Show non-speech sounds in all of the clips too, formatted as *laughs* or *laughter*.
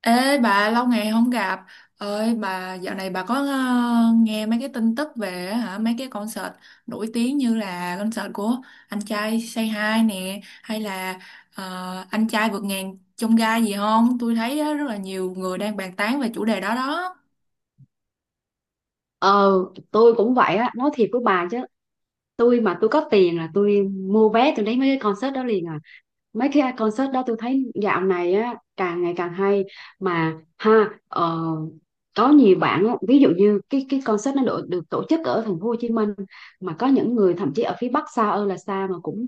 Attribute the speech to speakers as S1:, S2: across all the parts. S1: Ê bà, lâu ngày không gặp ơi bà, dạo này bà có nghe mấy cái tin tức về hả mấy cái concert nổi tiếng như là concert của anh trai Say Hi nè, hay là anh trai vượt ngàn chông gai gì không? Tôi thấy á, rất là nhiều người đang bàn tán về chủ đề đó đó.
S2: ờ tôi cũng vậy á, nói thiệt với bà chứ, tôi mà tôi có tiền là tôi mua vé, tôi đến mấy cái concert đó liền à. Mấy cái concert đó tôi thấy dạo này á càng ngày càng hay mà ha, có nhiều bạn á, ví dụ như cái concert nó được tổ chức ở thành phố Hồ Chí Minh mà có những người thậm chí ở phía Bắc xa ơi là xa mà cũng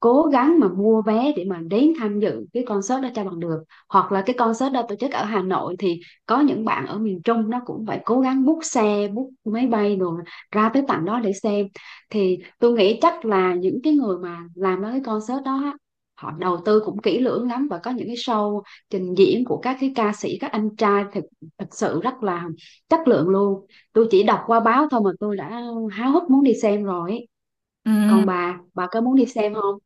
S2: cố gắng mà mua vé để mà đến tham dự cái concert đó cho bằng được, hoặc là cái concert đó tổ chức ở Hà Nội thì có những bạn ở miền Trung nó cũng phải cố gắng book xe book máy bay rồi ra tới tận đó để xem. Thì tôi nghĩ chắc là những cái người mà làm ra cái concert đó á, họ đầu tư cũng kỹ lưỡng lắm, và có những cái show trình diễn của các cái ca sĩ các anh trai thật thật sự rất là chất lượng luôn. Tôi chỉ đọc qua báo thôi mà tôi đã háo hức muốn đi xem rồi ấy.
S1: Ừ.
S2: Còn bà có muốn đi xem không?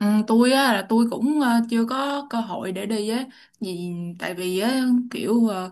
S1: Ừ, tôi á là tôi cũng chưa có cơ hội để đi á, vì tại vì á kiểu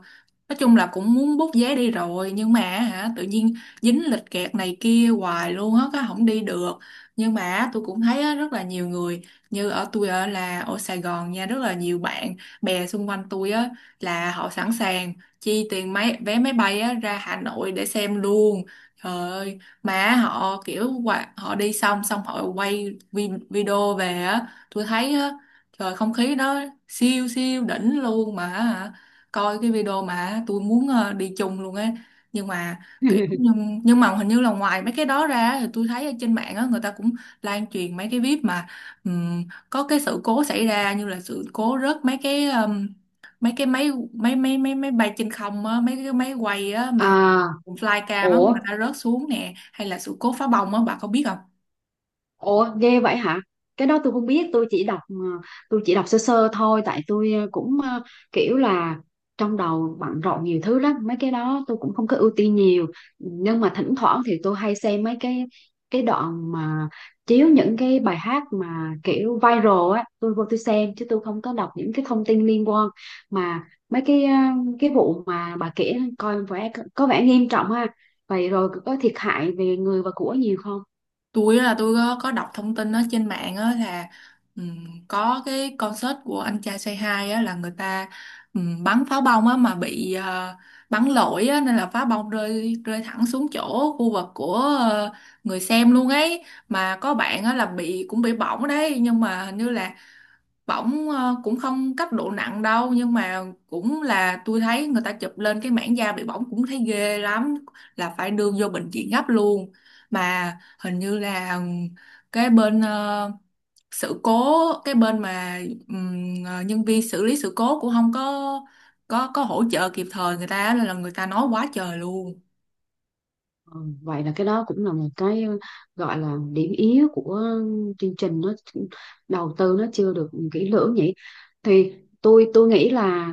S1: nói chung là cũng muốn bút vé đi rồi, nhưng mà hả tự nhiên dính lịch kẹt này kia hoài luôn á cái không đi được. Nhưng mà tôi cũng thấy á, rất là nhiều người như ở tôi ở là ở Sài Gòn nha, rất là nhiều bạn bè xung quanh tôi á là họ sẵn sàng chi tiền vé máy bay á ra Hà Nội để xem luôn. Trời ơi, mà họ kiểu họ đi xong xong họ quay video về á, tôi thấy á trời không khí đó siêu siêu đỉnh luôn mà hả, coi cái video mà tôi muốn đi chung luôn á. Nhưng mà kiểu
S2: *laughs*
S1: nhưng, nhưng mà hình như là ngoài mấy cái đó ra thì tôi thấy ở trên mạng á người ta cũng lan truyền mấy cái clip mà ừm, có cái sự cố xảy ra, như là sự cố rớt mấy cái máy máy máy máy máy bay trên không á, mấy cái máy quay á
S2: À,
S1: mà flycam á
S2: ủa,
S1: mà đã rớt xuống nè, hay là sự cố phá bông á, bà có biết không?
S2: ủa ghê vậy hả? Cái đó tôi không biết, tôi chỉ đọc tôi chỉ đọc sơ sơ thôi, tại tôi cũng kiểu là trong đầu bận rộn nhiều thứ lắm, mấy cái đó tôi cũng không có ưu tiên nhiều. Nhưng mà thỉnh thoảng thì tôi hay xem mấy cái đoạn mà chiếu những cái bài hát mà kiểu viral á, tôi vô tôi xem chứ tôi không có đọc những cái thông tin liên quan mà mấy cái cái vụ mà bà kể coi vẻ có vẻ nghiêm trọng ha. Vậy rồi có thiệt hại về người và của nhiều không?
S1: Tôi á là tôi có đọc thông tin ở trên mạng á là có cái concert của anh trai Say Hi á là người ta bắn pháo bông á mà bị bắn lỗi á, nên là pháo bông rơi rơi thẳng xuống chỗ khu vực của ờ, người xem luôn ấy. Mà có bạn á là cũng bị bỏng đấy, nhưng mà hình như là bỏng cũng không cấp độ nặng đâu, nhưng mà cũng là tôi thấy người ta chụp lên cái mảng da bị bỏng cũng thấy ghê lắm, là phải đưa vô bệnh viện gấp luôn. Mà hình như là cái bên sự cố, cái bên mà nhân viên xử lý sự cố cũng không có hỗ trợ kịp thời người ta, nên là người ta nói quá trời luôn.
S2: Ừ, vậy là cái đó cũng là một cái gọi là điểm yếu của chương trình, nó đầu tư nó chưa được kỹ lưỡng nhỉ. Thì tôi nghĩ là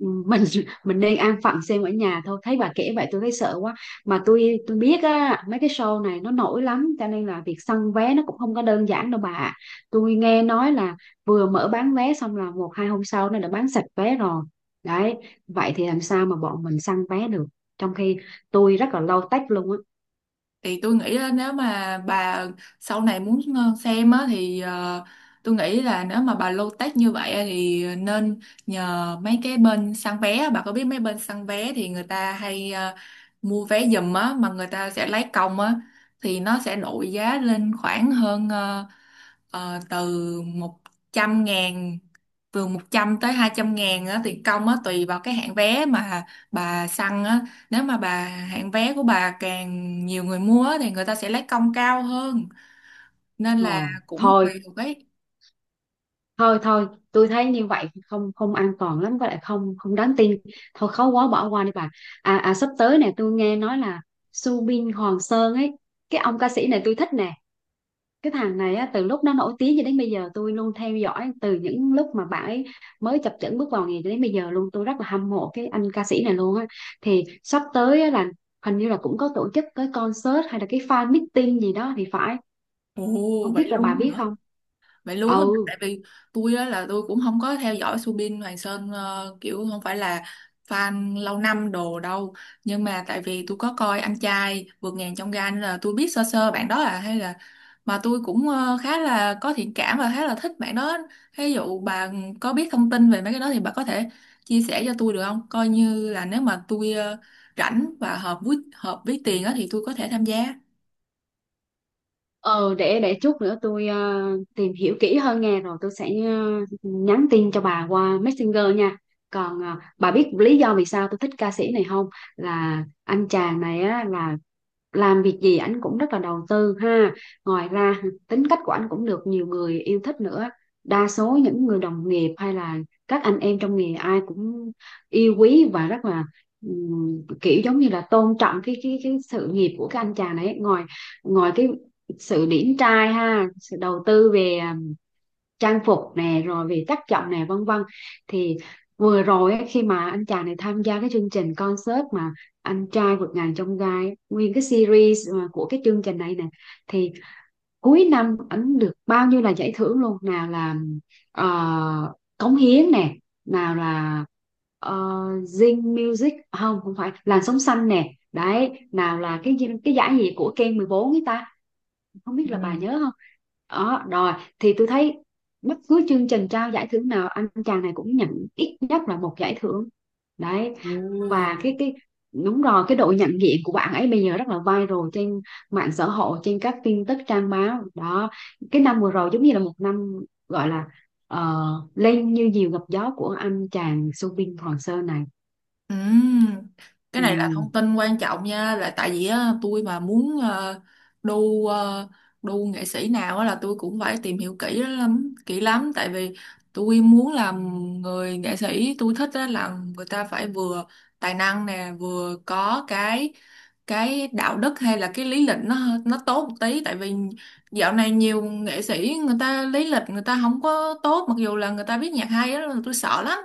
S2: ừ, mình *laughs* mình nên an phận xem ở nhà thôi, thấy bà kể vậy tôi thấy sợ quá. Mà tôi biết á mấy cái show này nó nổi lắm, cho nên là việc săn vé nó cũng không có đơn giản đâu bà ạ. Tôi nghe nói là vừa mở bán vé xong là một hai hôm sau nó đã bán sạch vé rồi đấy. Vậy thì làm sao mà bọn mình săn vé được, trong khi tôi rất là low tech luôn á.
S1: Thì tôi nghĩ là nếu mà bà sau này muốn xem á thì tôi nghĩ là nếu mà bà low tech như vậy á thì nên nhờ mấy cái bên săn vé á. Bà có biết mấy bên săn vé thì người ta hay mua vé giùm á, mà người ta sẽ lấy công á, thì nó sẽ đội giá lên khoảng hơn Ờ, từ một trăm ngàn từ 100 tới 200.000 á, tiền công á, tùy vào cái hạng vé mà bà săn á. Nếu mà bà hạng vé của bà càng nhiều người mua á, thì người ta sẽ lấy công cao hơn. Nên là
S2: ờ,
S1: cũng
S2: Thôi
S1: tùy thuộc cái...
S2: thôi thôi tôi thấy như vậy không không an toàn lắm, với lại không không đáng tin. Thôi khó quá bỏ qua đi bà. À, à sắp tới nè tôi nghe nói là Subin Hoàng Sơn ấy, cái ông ca sĩ này tôi thích nè, cái thằng này á, từ lúc nó nổi tiếng cho đến bây giờ tôi luôn theo dõi từ những lúc mà bạn ấy mới chập chững bước vào nghề cho đến bây giờ luôn. Tôi rất là hâm mộ cái anh ca sĩ này luôn á. Thì sắp tới á là hình như là cũng có tổ chức cái concert hay là cái fan meeting gì đó thì phải,
S1: Ồ,
S2: không
S1: vậy
S2: biết là bà
S1: luôn,
S2: biết không.
S1: vậy luôn,
S2: Ừ.
S1: tại vì tôi á là tôi cũng không có theo dõi Subin Hoàng Sơn, kiểu không phải là fan lâu năm đồ đâu, nhưng mà tại vì tôi có coi anh trai vượt ngàn chông gai nên là tôi biết sơ sơ bạn đó à, hay là mà tôi cũng khá là có thiện cảm và khá là thích bạn đó. Ví dụ bà có biết thông tin về mấy cái đó thì bà có thể chia sẻ cho tôi được không, coi như là nếu mà tôi rảnh và hợp với tiền á thì tôi có thể tham gia.
S2: Ờ, để chút nữa tôi tìm hiểu kỹ hơn nghe rồi tôi sẽ nhắn tin cho bà qua Messenger nha. Còn bà biết lý do vì sao tôi thích ca sĩ này không? Là anh chàng này á là làm việc gì ảnh cũng rất là đầu tư ha. Ngoài ra tính cách của ảnh cũng được nhiều người yêu thích nữa. Đa số những người đồng nghiệp hay là các anh em trong nghề ai cũng yêu quý và rất là kiểu giống như là tôn trọng cái sự nghiệp của cái anh chàng này. Ngoài Ngoài cái sự điển trai ha, sự đầu tư về à, trang phục nè, rồi về chất giọng nè, vân vân. Thì vừa rồi á, khi mà anh chàng này tham gia cái chương trình concert mà anh trai vượt ngàn chông gai, nguyên cái series mà của cái chương trình này nè, thì cuối năm ảnh được bao nhiêu là giải thưởng luôn. Nào là cống hiến nè, nào là ờ, Zing Music, không không phải, làn sóng xanh nè đấy, nào là cái gì- cái giải gì của Ken 14 ấy ta, không biết là bà nhớ không. Đó rồi, thì tôi thấy bất cứ chương trình trao giải thưởng nào anh chàng này cũng nhận ít nhất là một giải thưởng đấy.
S1: Ừ.
S2: Và cái đúng rồi, cái độ nhận diện của bạn ấy bây giờ rất là viral trên mạng xã hội, trên các tin tức trang báo đó. Cái năm vừa rồi giống như là một năm gọi là ờ, lên như diều gặp gió của anh chàng Subin Hoàng Sơn này.
S1: Ừm, cái
S2: Ừ.
S1: này là thông tin quan trọng nha, là tại vì á, tôi mà muốn đu ờ, đu nghệ sĩ nào á, là tôi cũng phải tìm hiểu kỹ lắm kỹ lắm, tại vì tôi muốn làm người nghệ sĩ tôi thích á, là người ta phải vừa tài năng nè, vừa có cái đạo đức, hay là cái lý lịch nó tốt một tí, tại vì dạo này nhiều nghệ sĩ người ta lý lịch người ta không có tốt, mặc dù là người ta biết nhạc hay á tôi sợ lắm.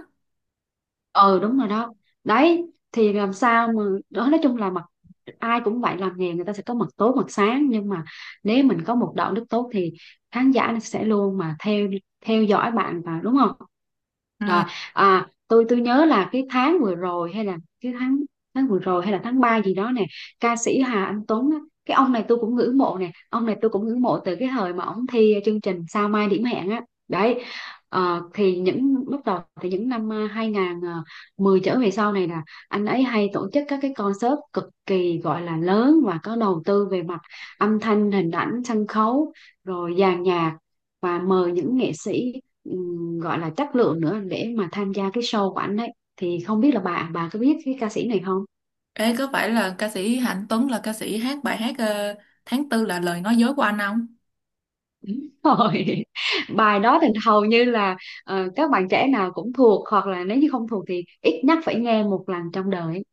S2: Ừ đúng rồi đó đấy. Thì làm sao mà đó, nói chung là mặt ai cũng vậy, làm nghề người ta sẽ có mặt tối mặt sáng, nhưng mà nếu mình có một đạo đức tốt thì khán giả nó sẽ luôn mà theo theo dõi bạn, và đúng không.
S1: Ừ.
S2: Rồi, à tôi nhớ là cái tháng vừa rồi hay là cái tháng tháng vừa rồi hay là tháng 3 gì đó nè, ca sĩ Hà Anh Tuấn á, cái ông này tôi cũng ngưỡng mộ nè, ông này tôi cũng ngưỡng mộ từ cái thời mà ông thi chương trình Sao Mai Điểm Hẹn á đấy. Ờ, thì những lúc đầu thì những năm 10 trở về sau này là anh ấy hay tổ chức các cái concert cực kỳ gọi là lớn và có đầu tư về mặt âm thanh, hình ảnh, sân khấu, rồi dàn nhạc, và mời những nghệ sĩ gọi là chất lượng nữa để mà tham gia cái show của anh ấy. Thì không biết là bà có biết cái ca sĩ này không?
S1: Ê, có phải là ca sĩ Hạnh Tuấn là ca sĩ hát bài hát tháng tư là lời nói dối của anh không?
S2: Đúng rồi. *laughs* Bài đó thì hầu như là các bạn trẻ nào cũng thuộc, hoặc là nếu như không thuộc thì ít nhất phải nghe một lần trong đời.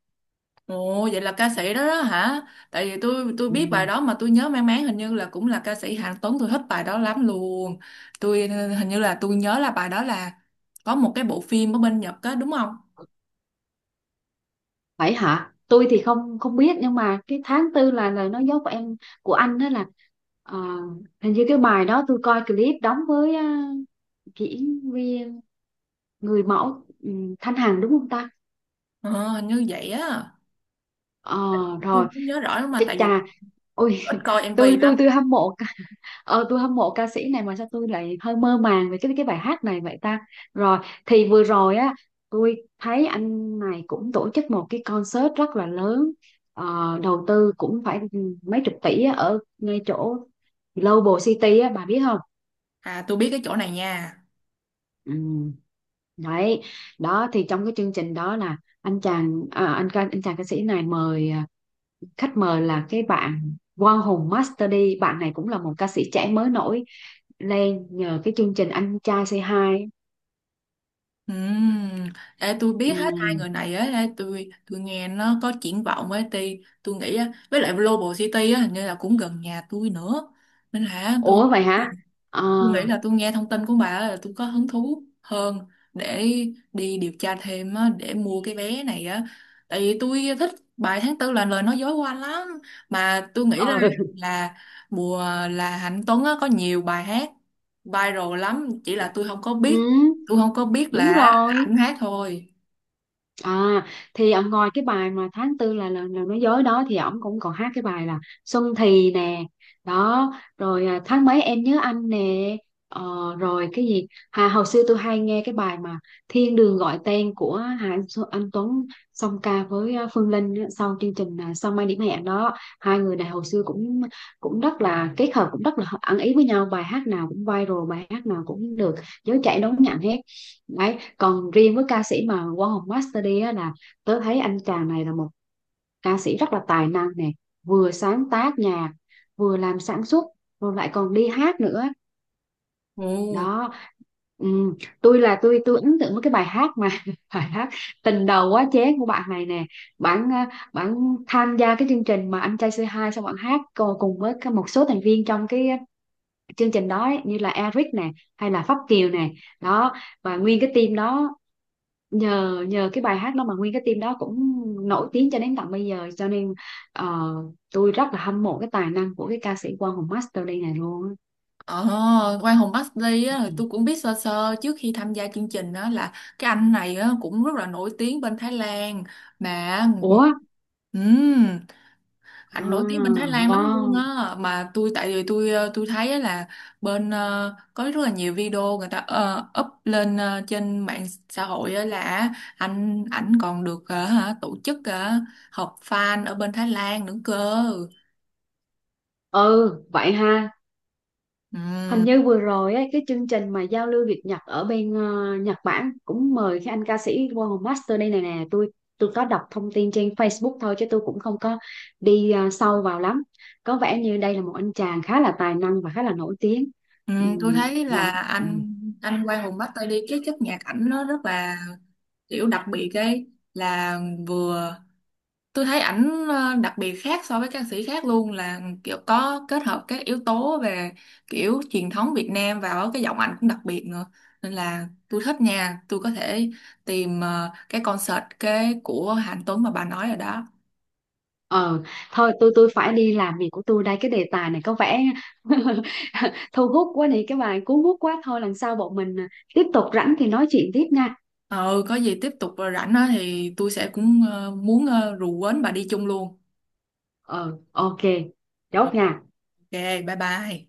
S1: Ồ, vậy là ca sĩ đó đó hả? Tại vì tôi biết bài
S2: Ừ.
S1: đó mà tôi nhớ mang máng hình như là cũng là ca sĩ Hạnh Tuấn, tôi thích bài đó lắm luôn. Tôi hình như là tôi nhớ là bài đó là có một cái bộ phim ở bên Nhật á đúng không?
S2: Vậy hả? Tôi thì không không biết, nhưng mà cái tháng tư là lời nói dối của em của anh đó là ờ, hình như cái bài đó tôi coi clip đóng với ờ, diễn viên người mẫu ừ, Thanh Hằng đúng không ta?
S1: Ờ, hình như vậy á.
S2: Ờ
S1: Tôi
S2: rồi,
S1: cũng nhớ rõ lắm, mà
S2: chết
S1: tại vì
S2: cha. Ôi
S1: ít coi
S2: *laughs*
S1: MV
S2: tôi tôi
S1: lắm.
S2: tôi hâm mộ. Ờ, tôi hâm mộ ca sĩ này mà sao tôi lại hơi mơ màng về cái bài hát này vậy ta? Rồi, thì vừa rồi á tôi thấy anh này cũng tổ chức một cái concert rất là lớn. Ờ, đầu tư cũng phải mấy chục tỷ á, ở ngay chỗ Global City á, bà biết không?
S1: À, tôi biết cái chỗ này nha.
S2: Ừ. Đấy, đó thì trong cái chương trình đó là anh chàng à, anh chàng ca sĩ này mời à, khách mời là cái bạn Quang Hùng Master D, bạn này cũng là một ca sĩ trẻ mới nổi lên nhờ cái chương trình Anh Trai Say Hi ấy.
S1: Ừm, Ê, tôi
S2: Ừ.
S1: biết hết hai người này á, ê, tôi nghe nó có triển vọng ấy, tôi nghĩ á, với lại Global City á, hình như là cũng gần nhà tôi nữa, nên là tôi...
S2: Ủa vậy hả. Ờ
S1: Tôi nghĩ là tôi nghe thông tin của bà á là tôi có hứng thú hơn để đi điều tra thêm á, để mua cái vé này á. Tại vì tôi thích bài tháng tư là lời nói dối của anh lắm. Mà tôi nghĩ
S2: ờ
S1: là mùa là Hạnh Tuấn á, có nhiều bài hát viral lắm. Chỉ là tôi không có
S2: ừ,
S1: biết. Tôi không có biết là,
S2: đúng
S1: là
S2: rồi.
S1: ảnh hát thôi.
S2: À thì ông ngoài cái bài mà tháng tư là nói dối đó thì ổng cũng còn hát cái bài là Xuân thì nè, đó rồi à, tháng mấy em nhớ anh nè, ờ, rồi cái gì hồi xưa tôi hay nghe cái bài mà Thiên đường gọi tên của Anh Tuấn song ca với à, Phương Linh á, sau chương trình à, Sao Mai Điểm Hẹn đó, hai người này hồi xưa cũng cũng rất là kết hợp, cũng rất là ăn ý với nhau, bài hát nào cũng viral, bài hát nào cũng được giới trẻ đón nhận hết. Đấy, còn riêng với ca sĩ mà Quang Hùng Master đi á, là tớ thấy anh chàng này là một ca sĩ rất là tài năng nè, vừa sáng tác nhạc, vừa làm sản xuất, rồi lại còn đi hát nữa.
S1: Ừ.
S2: Đó, ừm, tôi là tôi ấn tượng với cái bài hát mà *laughs* bài hát tình đầu quá chén của bạn này nè. Bạn à, Bạn tham gia cái chương trình mà anh trai C2 xong bạn hát co- cùng với cái- một số thành viên trong cái chương trình đó ấy, như là Eric nè hay là Pháp Kiều nè, đó, và nguyên cái team đó, nhờ nhờ cái bài hát đó mà nguyên cái team đó cũng nổi tiếng cho đến tận bây giờ, cho nên ờ, tôi rất là hâm mộ cái tài năng của cái ca sĩ Quang Hùng Master đây này luôn á.
S1: Ờ, Quang Hùng Bắc á, tôi cũng biết sơ sơ trước khi tham gia chương trình đó, là cái anh này á, cũng rất là nổi tiếng bên Thái Lan, mà
S2: Ủa à,
S1: ừm, anh nổi tiếng bên Thái Lan lắm luôn
S2: wow,
S1: á, mà tôi tại vì tôi ờ, tôi thấy á là bên có rất là nhiều video người ta up lên trên mạng xã hội á, là ảnh còn được hả, tổ chức họp fan ở bên Thái Lan nữa cơ.
S2: ừ vậy ha. Hình như vừa rồi ấy, cái chương trình mà giao lưu Việt Nhật ở bên Nhật Bản cũng mời cái anh ca sĩ Wow Master đây này nè, tôi có đọc thông tin trên Facebook thôi chứ tôi cũng không có đi sâu vào lắm. Có vẻ như đây là một anh chàng khá là tài năng và khá là nổi tiếng.
S1: Ừ, tôi
S2: Ừm,
S1: thấy
S2: làm
S1: là
S2: ừm,
S1: anh Quang Hùng bắt tay đi, cái chất nhạc ảnh nó rất là kiểu đặc biệt ấy, là vừa tôi thấy ảnh đặc biệt khác so với ca sĩ khác luôn, là kiểu có kết hợp các yếu tố về kiểu truyền thống Việt Nam vào, cái giọng ảnh cũng đặc biệt nữa, nên là tôi thích nha, tôi có thể tìm cái concert của Hạnh Tuấn mà bà nói rồi đó.
S2: ờ thôi tôi phải đi làm việc của tôi đây, cái đề tài này có vẻ *laughs* thu hút quá này, cái bài cuốn hút quá, thôi lần sau bọn mình tiếp tục rảnh thì nói chuyện tiếp nha.
S1: Ừ, có gì tiếp tục rảnh á thì tôi sẽ cũng muốn rủ quến bà đi chung luôn.
S2: Ờ ok, chốt
S1: Ok,
S2: nha.
S1: bye bye.